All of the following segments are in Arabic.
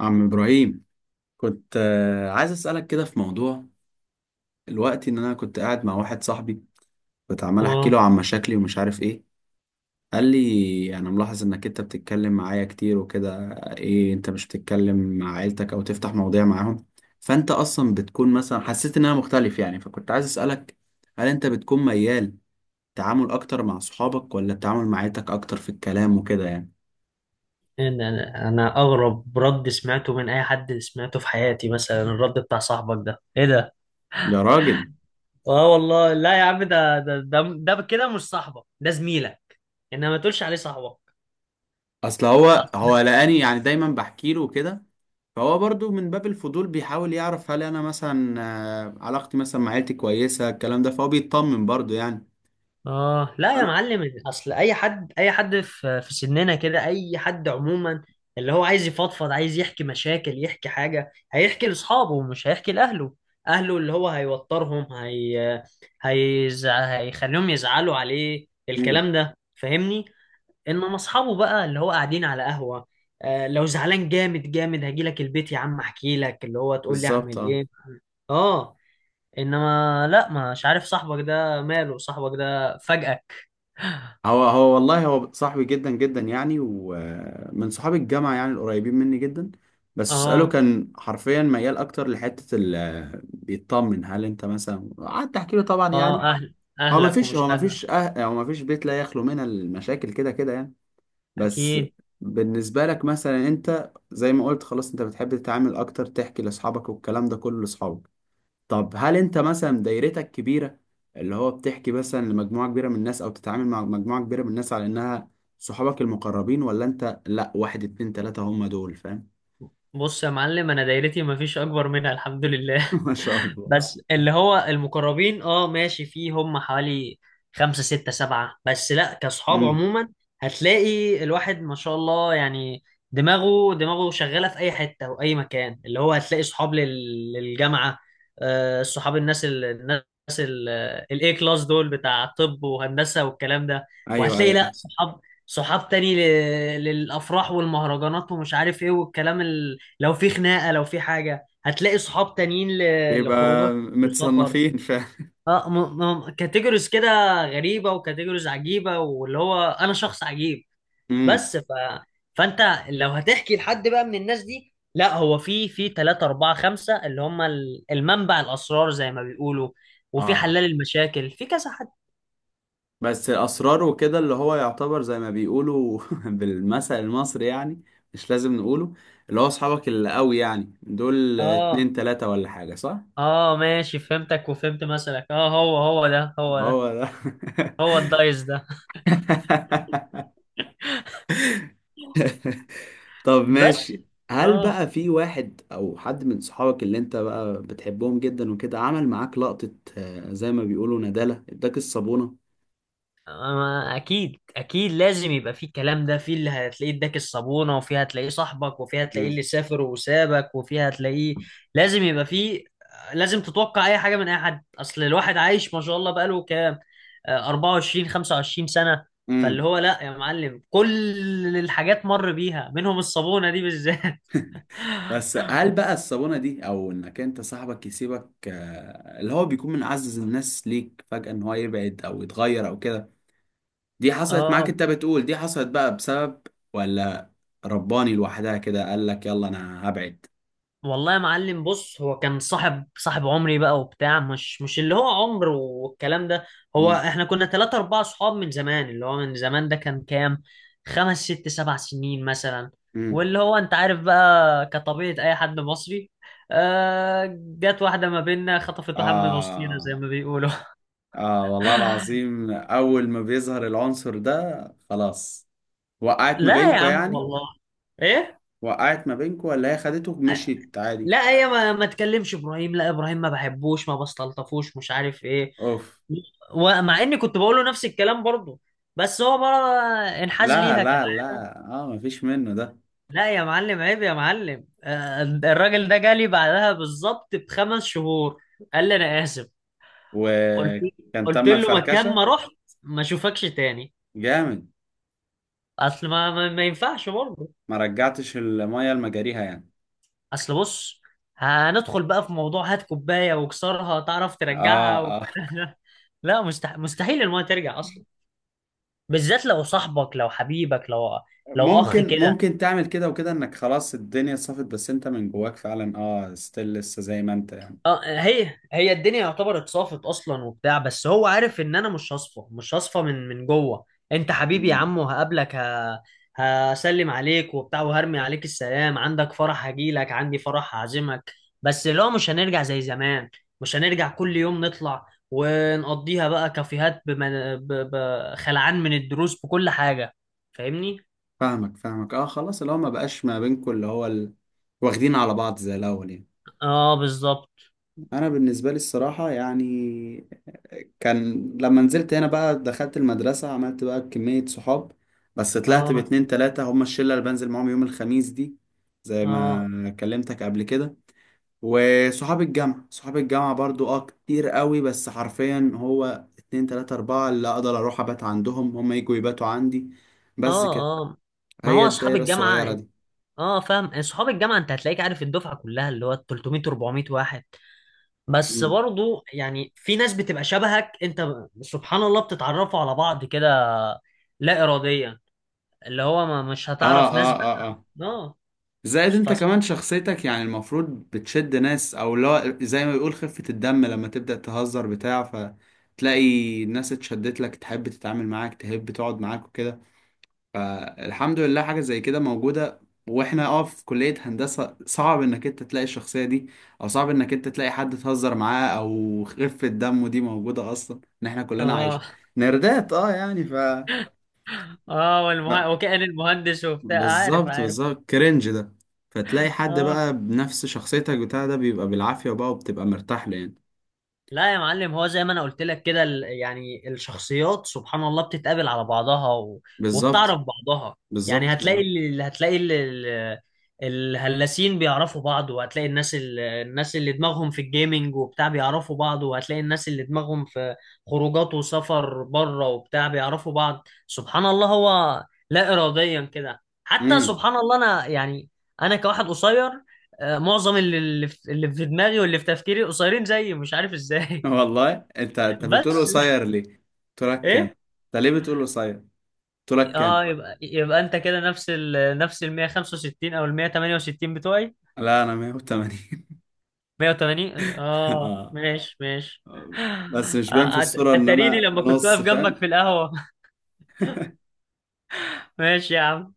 عم إبراهيم، كنت عايز أسألك كده في موضوع. الوقت إن أنا كنت قاعد مع واحد صاحبي كنت عمال أحكي اه، له عن مشاكلي ومش عارف إيه. قال لي أنا ملاحظ إنك أنت بتتكلم معايا كتير وكده، إيه أنت مش بتتكلم مع عيلتك أو تفتح مواضيع معاهم؟ فأنت أصلا بتكون مثلا حسيت إن أنا مختلف يعني، فكنت عايز أسألك، هل أنت بتكون ميال تعامل أكتر مع صحابك ولا التعامل مع عيلتك أكتر في الكلام وكده يعني؟ إن انا اغرب رد سمعته من اي حد سمعته في حياتي. مثلا الرد بتاع صاحبك ده، ايه ده؟ يا راجل، اه والله لا يا عم. ده ده, كده مش صاحبك، ده زميلك. انما ما تقولش عليه صاحبك. أصل هو لقاني يعني دايما بحكي له كده، فهو برضو من باب الفضول بيحاول يعرف هل انا مثلا علاقتي مثلا مع عيلتي كويسه، الكلام ده فهو بيطمن برضو يعني. اه، لا يا انا. معلم. اصل اي حد في سننا كده، اي حد عموما اللي هو عايز يفضفض، عايز يحكي مشاكل، يحكي حاجه، هيحكي لاصحابه مش هيحكي لاهله. اهله اللي هو هيوترهم، هيخليهم يزعلوا عليه، مم. الكلام ده فاهمني؟ انما اصحابه بقى اللي هو قاعدين على قهوه، لو زعلان جامد جامد هجيلك البيت يا عم، احكي لك اللي هو تقول لي اعمل بالظبط، اه. ايه. اه، انما لا، مش عارف صاحبك ده ماله صاحبك ده فجأة. هو والله هو صاحبي جدا جدا يعني، ومن صحاب الجامعه يعني، القريبين مني جدا. بس اساله اه كان حرفيا ميال اكتر لحته ال آه، بيطمن هل انت مثلا قعدت احكي له، طبعا اه، يعني. اهل هو ما اهلك فيش هو ومش ما اهلك. فيش أه... هو ما فيش بيت لا يخلو من المشاكل كده كده يعني، بس. اكيد. بالنسبة لك مثلا، انت زي ما قلت خلاص انت بتحب تتعامل اكتر، تحكي لاصحابك والكلام ده كله لاصحابك. طب هل انت مثلا دايرتك كبيرة، اللي هو بتحكي مثلا لمجموعة كبيرة من الناس او تتعامل مع مجموعة كبيرة من الناس على انها صحابك المقربين، ولا انت لا، واحد اتنين تلاتة هم دول، فاهم؟ بص يا معلم، انا دايرتي ما فيش اكبر منها الحمد لله. ما شاء الله. بس اللي هو المقربين، ماشي، فيه هم حوالي خمسة ستة سبعة. بس لا، كصحاب امم. عموما هتلاقي الواحد ما شاء الله يعني، دماغه شغالة في اي حتة واي مكان. اللي هو هتلاقي صحاب للجامعة، صحاب الناس، الناس الاي كلاس دول بتاع طب وهندسة والكلام ده. ايوه، وهتلاقي لا ايوه. صحاب تاني للأفراح والمهرجانات ومش عارف ايه والكلام. لو في خناقه، لو في حاجه هتلاقي صحاب تانيين بيبقى لخروجك وسفر. متصنفين، فاهم. اه م- كاتيجوريز كده غريبه، وكاتيجوريز عجيبه، واللي هو انا شخص عجيب. امم. بس ف... فانت لو هتحكي لحد بقى من الناس دي، لا، هو في 3 4 5 اللي هم المنبع الاسرار زي ما بيقولوا. وفي اه، حلال المشاكل في كذا حد. بس اسراره وكده اللي هو يعتبر زي ما بيقولوا بالمثل المصري يعني، مش لازم نقوله. اللي هو اصحابك اللي قوي يعني دول اتنين اه تلاتة ولا حاجة، صح؟ اه ماشي، فهمتك وفهمت مثلك. اه هو، هو ده، هو ده، هو ده. هو الدايس ده. طب بس. ماشي. هل اه، بقى في واحد او حد من صحابك اللي انت بقى بتحبهم جدا وكده عمل معاك لقطة، زي ما بيقولوا ندالة اداك الصابونة؟ ما اكيد اكيد لازم يبقى فيه الكلام ده. فيه اللي هتلاقيه اداك الصابونه، وفيه هتلاقيه صاحبك، وفيه هتلاقيه اللي سافر وسابك، وفيه هتلاقيه، لازم يبقى فيه. لازم تتوقع اي حاجه من اي حد. اصل الواحد عايش ما شاء الله بقاله كام، 24 25 سنه. فاللي مم. هو لا يا معلم، كل الحاجات مر بيها منهم، الصابونه دي بالذات. بس هل بقى الصبونة دي، او انك انت صاحبك يسيبك اللي هو بيكون من اعز الناس ليك فجأة، ان هو يبعد او يتغير او كده، دي حصلت معاك؟ اه انت بتقول دي حصلت بقى بسبب، ولا رباني لوحدها كده قال لك يلا انا هبعد؟ والله يا معلم بص، هو كان صاحب عمري بقى وبتاع، مش اللي هو عمر والكلام ده. هو مم. احنا كنا ثلاثة أربعة صحاب من زمان، اللي هو من زمان ده كان كام، خمس ست سبع سنين مثلا. مم. واللي هو انت عارف بقى كطبيعة أي حد مصري، جت واحدة ما بيننا خطفت واحد من وسطينا آه. زي ما بيقولوا. آه والله العظيم، اول ما بيظهر العنصر ده خلاص، وقعت ما لا يا بينكو عم يعني. والله، ايه. وقعت ما بينكو ولا هي خدته ومشيت عادي؟ لا، هي ما تكلمش ابراهيم، لا ابراهيم ما بحبوش، ما بستلطفوش، مش عارف ايه. اوف. ومع اني كنت بقوله نفس الكلام برضه، بس هو بقى انحاز لا ليها كان. لا لا، اه، مفيش منه ده. لا يا معلم، عيب يا معلم. الراجل ده جالي بعدها بالظبط بخمس شهور، قال لي انا اسف. قلت وكان قلت تم له مكان ما الفركشة. رحت ما اشوفكش تاني. جامد. اصل ما ينفعش برضه. ما رجعتش المية لمجاريها يعني. اصل بص، هندخل بقى في موضوع هات كوبايه واكسرها تعرف اه، ترجعها اه. لا مستحيل المايه ترجع اصلا، بالذات لو صاحبك، لو حبيبك، لو اخ ممكن، كده. ممكن تعمل كده وكده انك خلاص الدنيا صفت، بس انت من جواك فعلا اه ستيل لسه زي ما انت يعني. اه، هي الدنيا يعتبر اتصافت اصلا وبتاع، بس هو عارف ان انا مش هصفى، مش هصفى من جوه. انت حبيبي يا مم. عم، وهقابلك هسلم عليك وبتاع، وهرمي عليك السلام، عندك فرح هجيلك، عندي فرح هعزمك. بس لو مش هنرجع زي زمان، مش هنرجع كل يوم نطلع ونقضيها بقى كافيهات خلعان من الدروس بكل حاجة، فاهمني؟ فاهمك، فاهمك، اه. خلاص اللي هو ما بقاش ما بينكم واخدين على بعض زي الاول يعني. اه بالظبط، انا بالنسبة لي الصراحة يعني، كان لما نزلت هنا بقى دخلت المدرسة، عملت بقى كمية صحاب، بس طلعت اه باتنين تلاتة هما الشلة اللي بنزل معاهم يوم الخميس دي، زي اه ما كلمتك قبل كده. وصحاب الجامعة، صحاب الجامعة برضو اه كتير قوي، بس حرفيا هو اتنين تلاتة أربعة اللي أقدر أروح أبات عندهم، هما يجوا يباتوا عندي، بس كده. اه اه. ما هي هو اصحاب الدايرة الصغيرة الجامعة. دي. اه، فاهم صحاب الجامعه، انت هتلاقيك عارف الدفعه كلها اللي هو 300 400 واحد. بس مم. برضو يعني في ناس بتبقى شبهك انت سبحان الله بتتعرفوا على بعض كده، لا اراديا. اللي هو ما مش اه، هتعرف اه، ناس اه، اه. اه، زائد انت فس... كمان شخصيتك يعني المفروض بتشد ناس او لا، زي ما بيقول خفة الدم لما تبدأ تهزر بتاع، فتلاقي الناس اتشدت لك، تحب تتعامل معاك، تحب تقعد معاك وكده، فالحمد لله حاجة زي كده موجودة. واحنا اه في كلية هندسة صعب انك انت تلاقي الشخصية دي، او صعب انك انت تلاقي حد تهزر معاه او خفة دمه دي موجودة اصلا، ان احنا كلنا اه عايشين نردات اه يعني ف. اه، وكأن المهندس وبتاع، عارف بالظبط، عارف. بالظبط، كرنج ده. فتلاقي حد اه بقى بنفس شخصيتك بتاع ده بيبقى بالعافية بقى، وبتبقى مرتاح له يعني. لا يا معلم، هو زي ما انا قلت لك كده، يعني الشخصيات سبحان الله بتتقابل على بعضها بالظبط، وبتعرف بعضها. يعني بالظبط، بالظبط. هتلاقي اللي الهلاسين بيعرفوا بعض، وهتلاقي الناس الناس اللي دماغهم في الجيمينج وبتاع بيعرفوا بعض، وهتلاقي الناس اللي دماغهم في خروجات وسفر بره وبتاع بيعرفوا بعض. سبحان الله هو لا إراديا كده. حتى امم. سبحان الله انا يعني، انا كواحد قصير، معظم اللي في دماغي واللي في تفكيري قصيرين زيي، مش عارف ازاي. والله انت بتقول بس قصير ليه؟ قلت لك كام؟ ايه. انت ليه بتقول قصير؟ قلت لك كام؟ اه، يبقى انت كده نفس ال 165 او ال 168 بتوعي. لا انا 180. 180، اه اه. ماشي ماشي. بس مش باين في الصورة ان اتريني انا لما كنت نص، واقف جنبك فاهم؟ في القهوة. ماشي يا عم.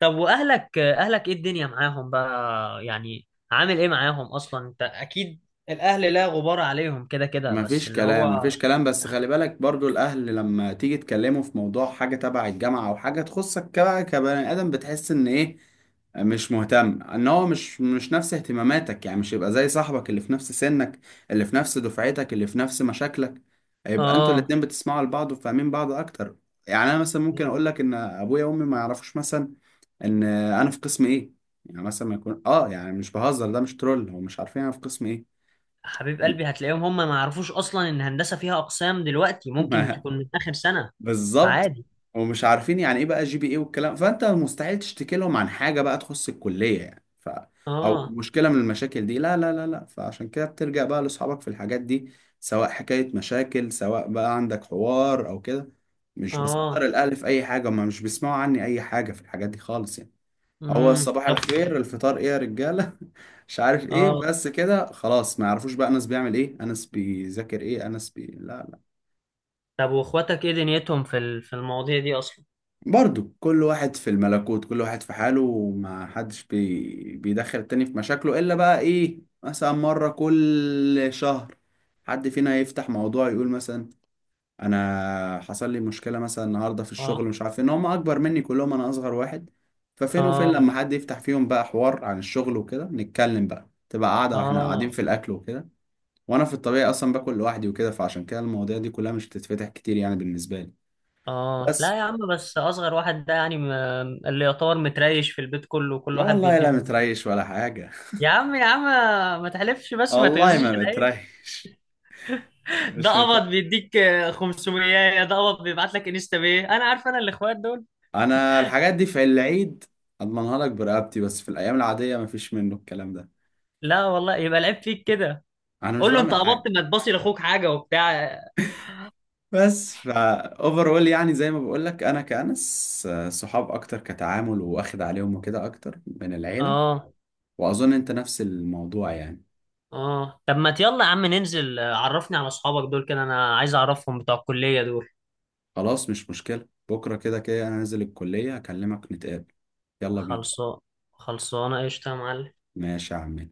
طب واهلك ايه الدنيا معاهم بقى يعني؟ عامل ايه معاهم اصلا؟ انت اكيد الاهل لا غبار عليهم كده كده، بس مفيش اللي كلام، هو. مفيش كلام، بس خلي بالك برضو الأهل لما تيجي تكلمه في موضوع حاجة تبع الجامعة أو حاجة تخصك كبقى كبني آدم، بتحس إن إيه، مش مهتم إن هو مش نفس اهتماماتك يعني، مش يبقى زي صاحبك اللي في نفس سنك، اللي في نفس دفعتك، اللي في نفس مشاكلك، يبقى أنتوا اه، الاتنين بتسمعوا لبعض وفاهمين بعض أكتر. يعني أنا مثلا ممكن أقول آه. لك إن أبويا وأمي ما يعرفوش مثلا إن أنا في قسم إيه، يعني مثلا ما يكون آه يعني مش بهزر، ده مش ترول، هم مش عارفين أنا في قسم إيه حبيب يعني. قلبي هتلاقيهم هم ما يعرفوش اصلا ان هندسه فيها اقسام، دلوقتي ممكن تكون من اخر سنه. بالظبط. فعادي. ومش عارفين يعني ايه بقى جي بي ايه والكلام، فانت مستحيل تشتكي لهم عن حاجه بقى تخص الكليه يعني ف، او اه مشكله من المشاكل دي، لا لا لا لا، فعشان كده بترجع بقى لاصحابك في الحاجات دي، سواء حكايه مشاكل، سواء بقى عندك حوار او كده. مش اه، بصدر الاهل في اي حاجه، ما مش بيسمعوا عني اي حاجه في الحاجات دي خالص يعني. هو صباح طب. الخير، الفطار ايه يا رجاله، مش عارف ايه، اه، بس كده خلاص ما يعرفوش بقى انس بيعمل ايه، انس بيذاكر ايه، انس بي لا. طب واخواتك ايه دنيتهم في المواضيع دي اصلا؟ برضو كل واحد في الملكوت، كل واحد في حاله، وما حدش بيدخل التاني في مشاكله إلا بقى إيه مثلا مرة كل شهر حد فينا يفتح موضوع يقول مثلا أنا حصل لي مشكلة مثلا النهاردة في الشغل، اه مش عارف إيه، إن هم أكبر مني كلهم، أنا أصغر واحد. ففين وفين اه لما حد يفتح فيهم بقى حوار عن الشغل وكده نتكلم بقى، تبقى قاعدة وإحنا قاعدين اه في الأكل وكده. وأنا في الطبيعي أصلا باكل لوحدي وكده، فعشان كده المواضيع دي كلها مش بتتفتح كتير يعني بالنسبة لي، اه. بس. لا يا عم بس اصغر واحد ده يعني اللي يعتبر متريش في البيت كله، كل واحد والله لا بيديله. متريش ولا حاجة. يا عم يا عم ما تحلفش، بس ما والله تغزيش ما العين. بتريش. يعني ده مش بتر... قبض بيديك، 500 ده قبض، بيبعت لك انستا بيه، انا عارف انا، الاخوات دول. انا الحاجات دي في العيد اضمنها لك برقبتي، بس في الايام العاديه ما فيش منه الكلام ده. لا والله يبقى العيب فيك كده. انا مش قول له انت بعمل قبضت حاجه. ما تباصي لاخوك حاجه وبتاع. بس فا اوفرول يعني زي ما بقول لك انا كأنس صحاب اكتر كتعامل، واخد عليهم وكده اكتر من العيله، اه واظن انت نفس الموضوع يعني. اه، طب ما يلا يا عم ننزل. عرفني على اصحابك دول كده، انا عايز اعرفهم بتوع الكليه دول. خلاص مش مشكله، بكره كده كده انا نازل الكليه، اكلمك نتقابل، يلا بينا. خلصان. خلصانه قشطه يا معلم. ماشي يا عم.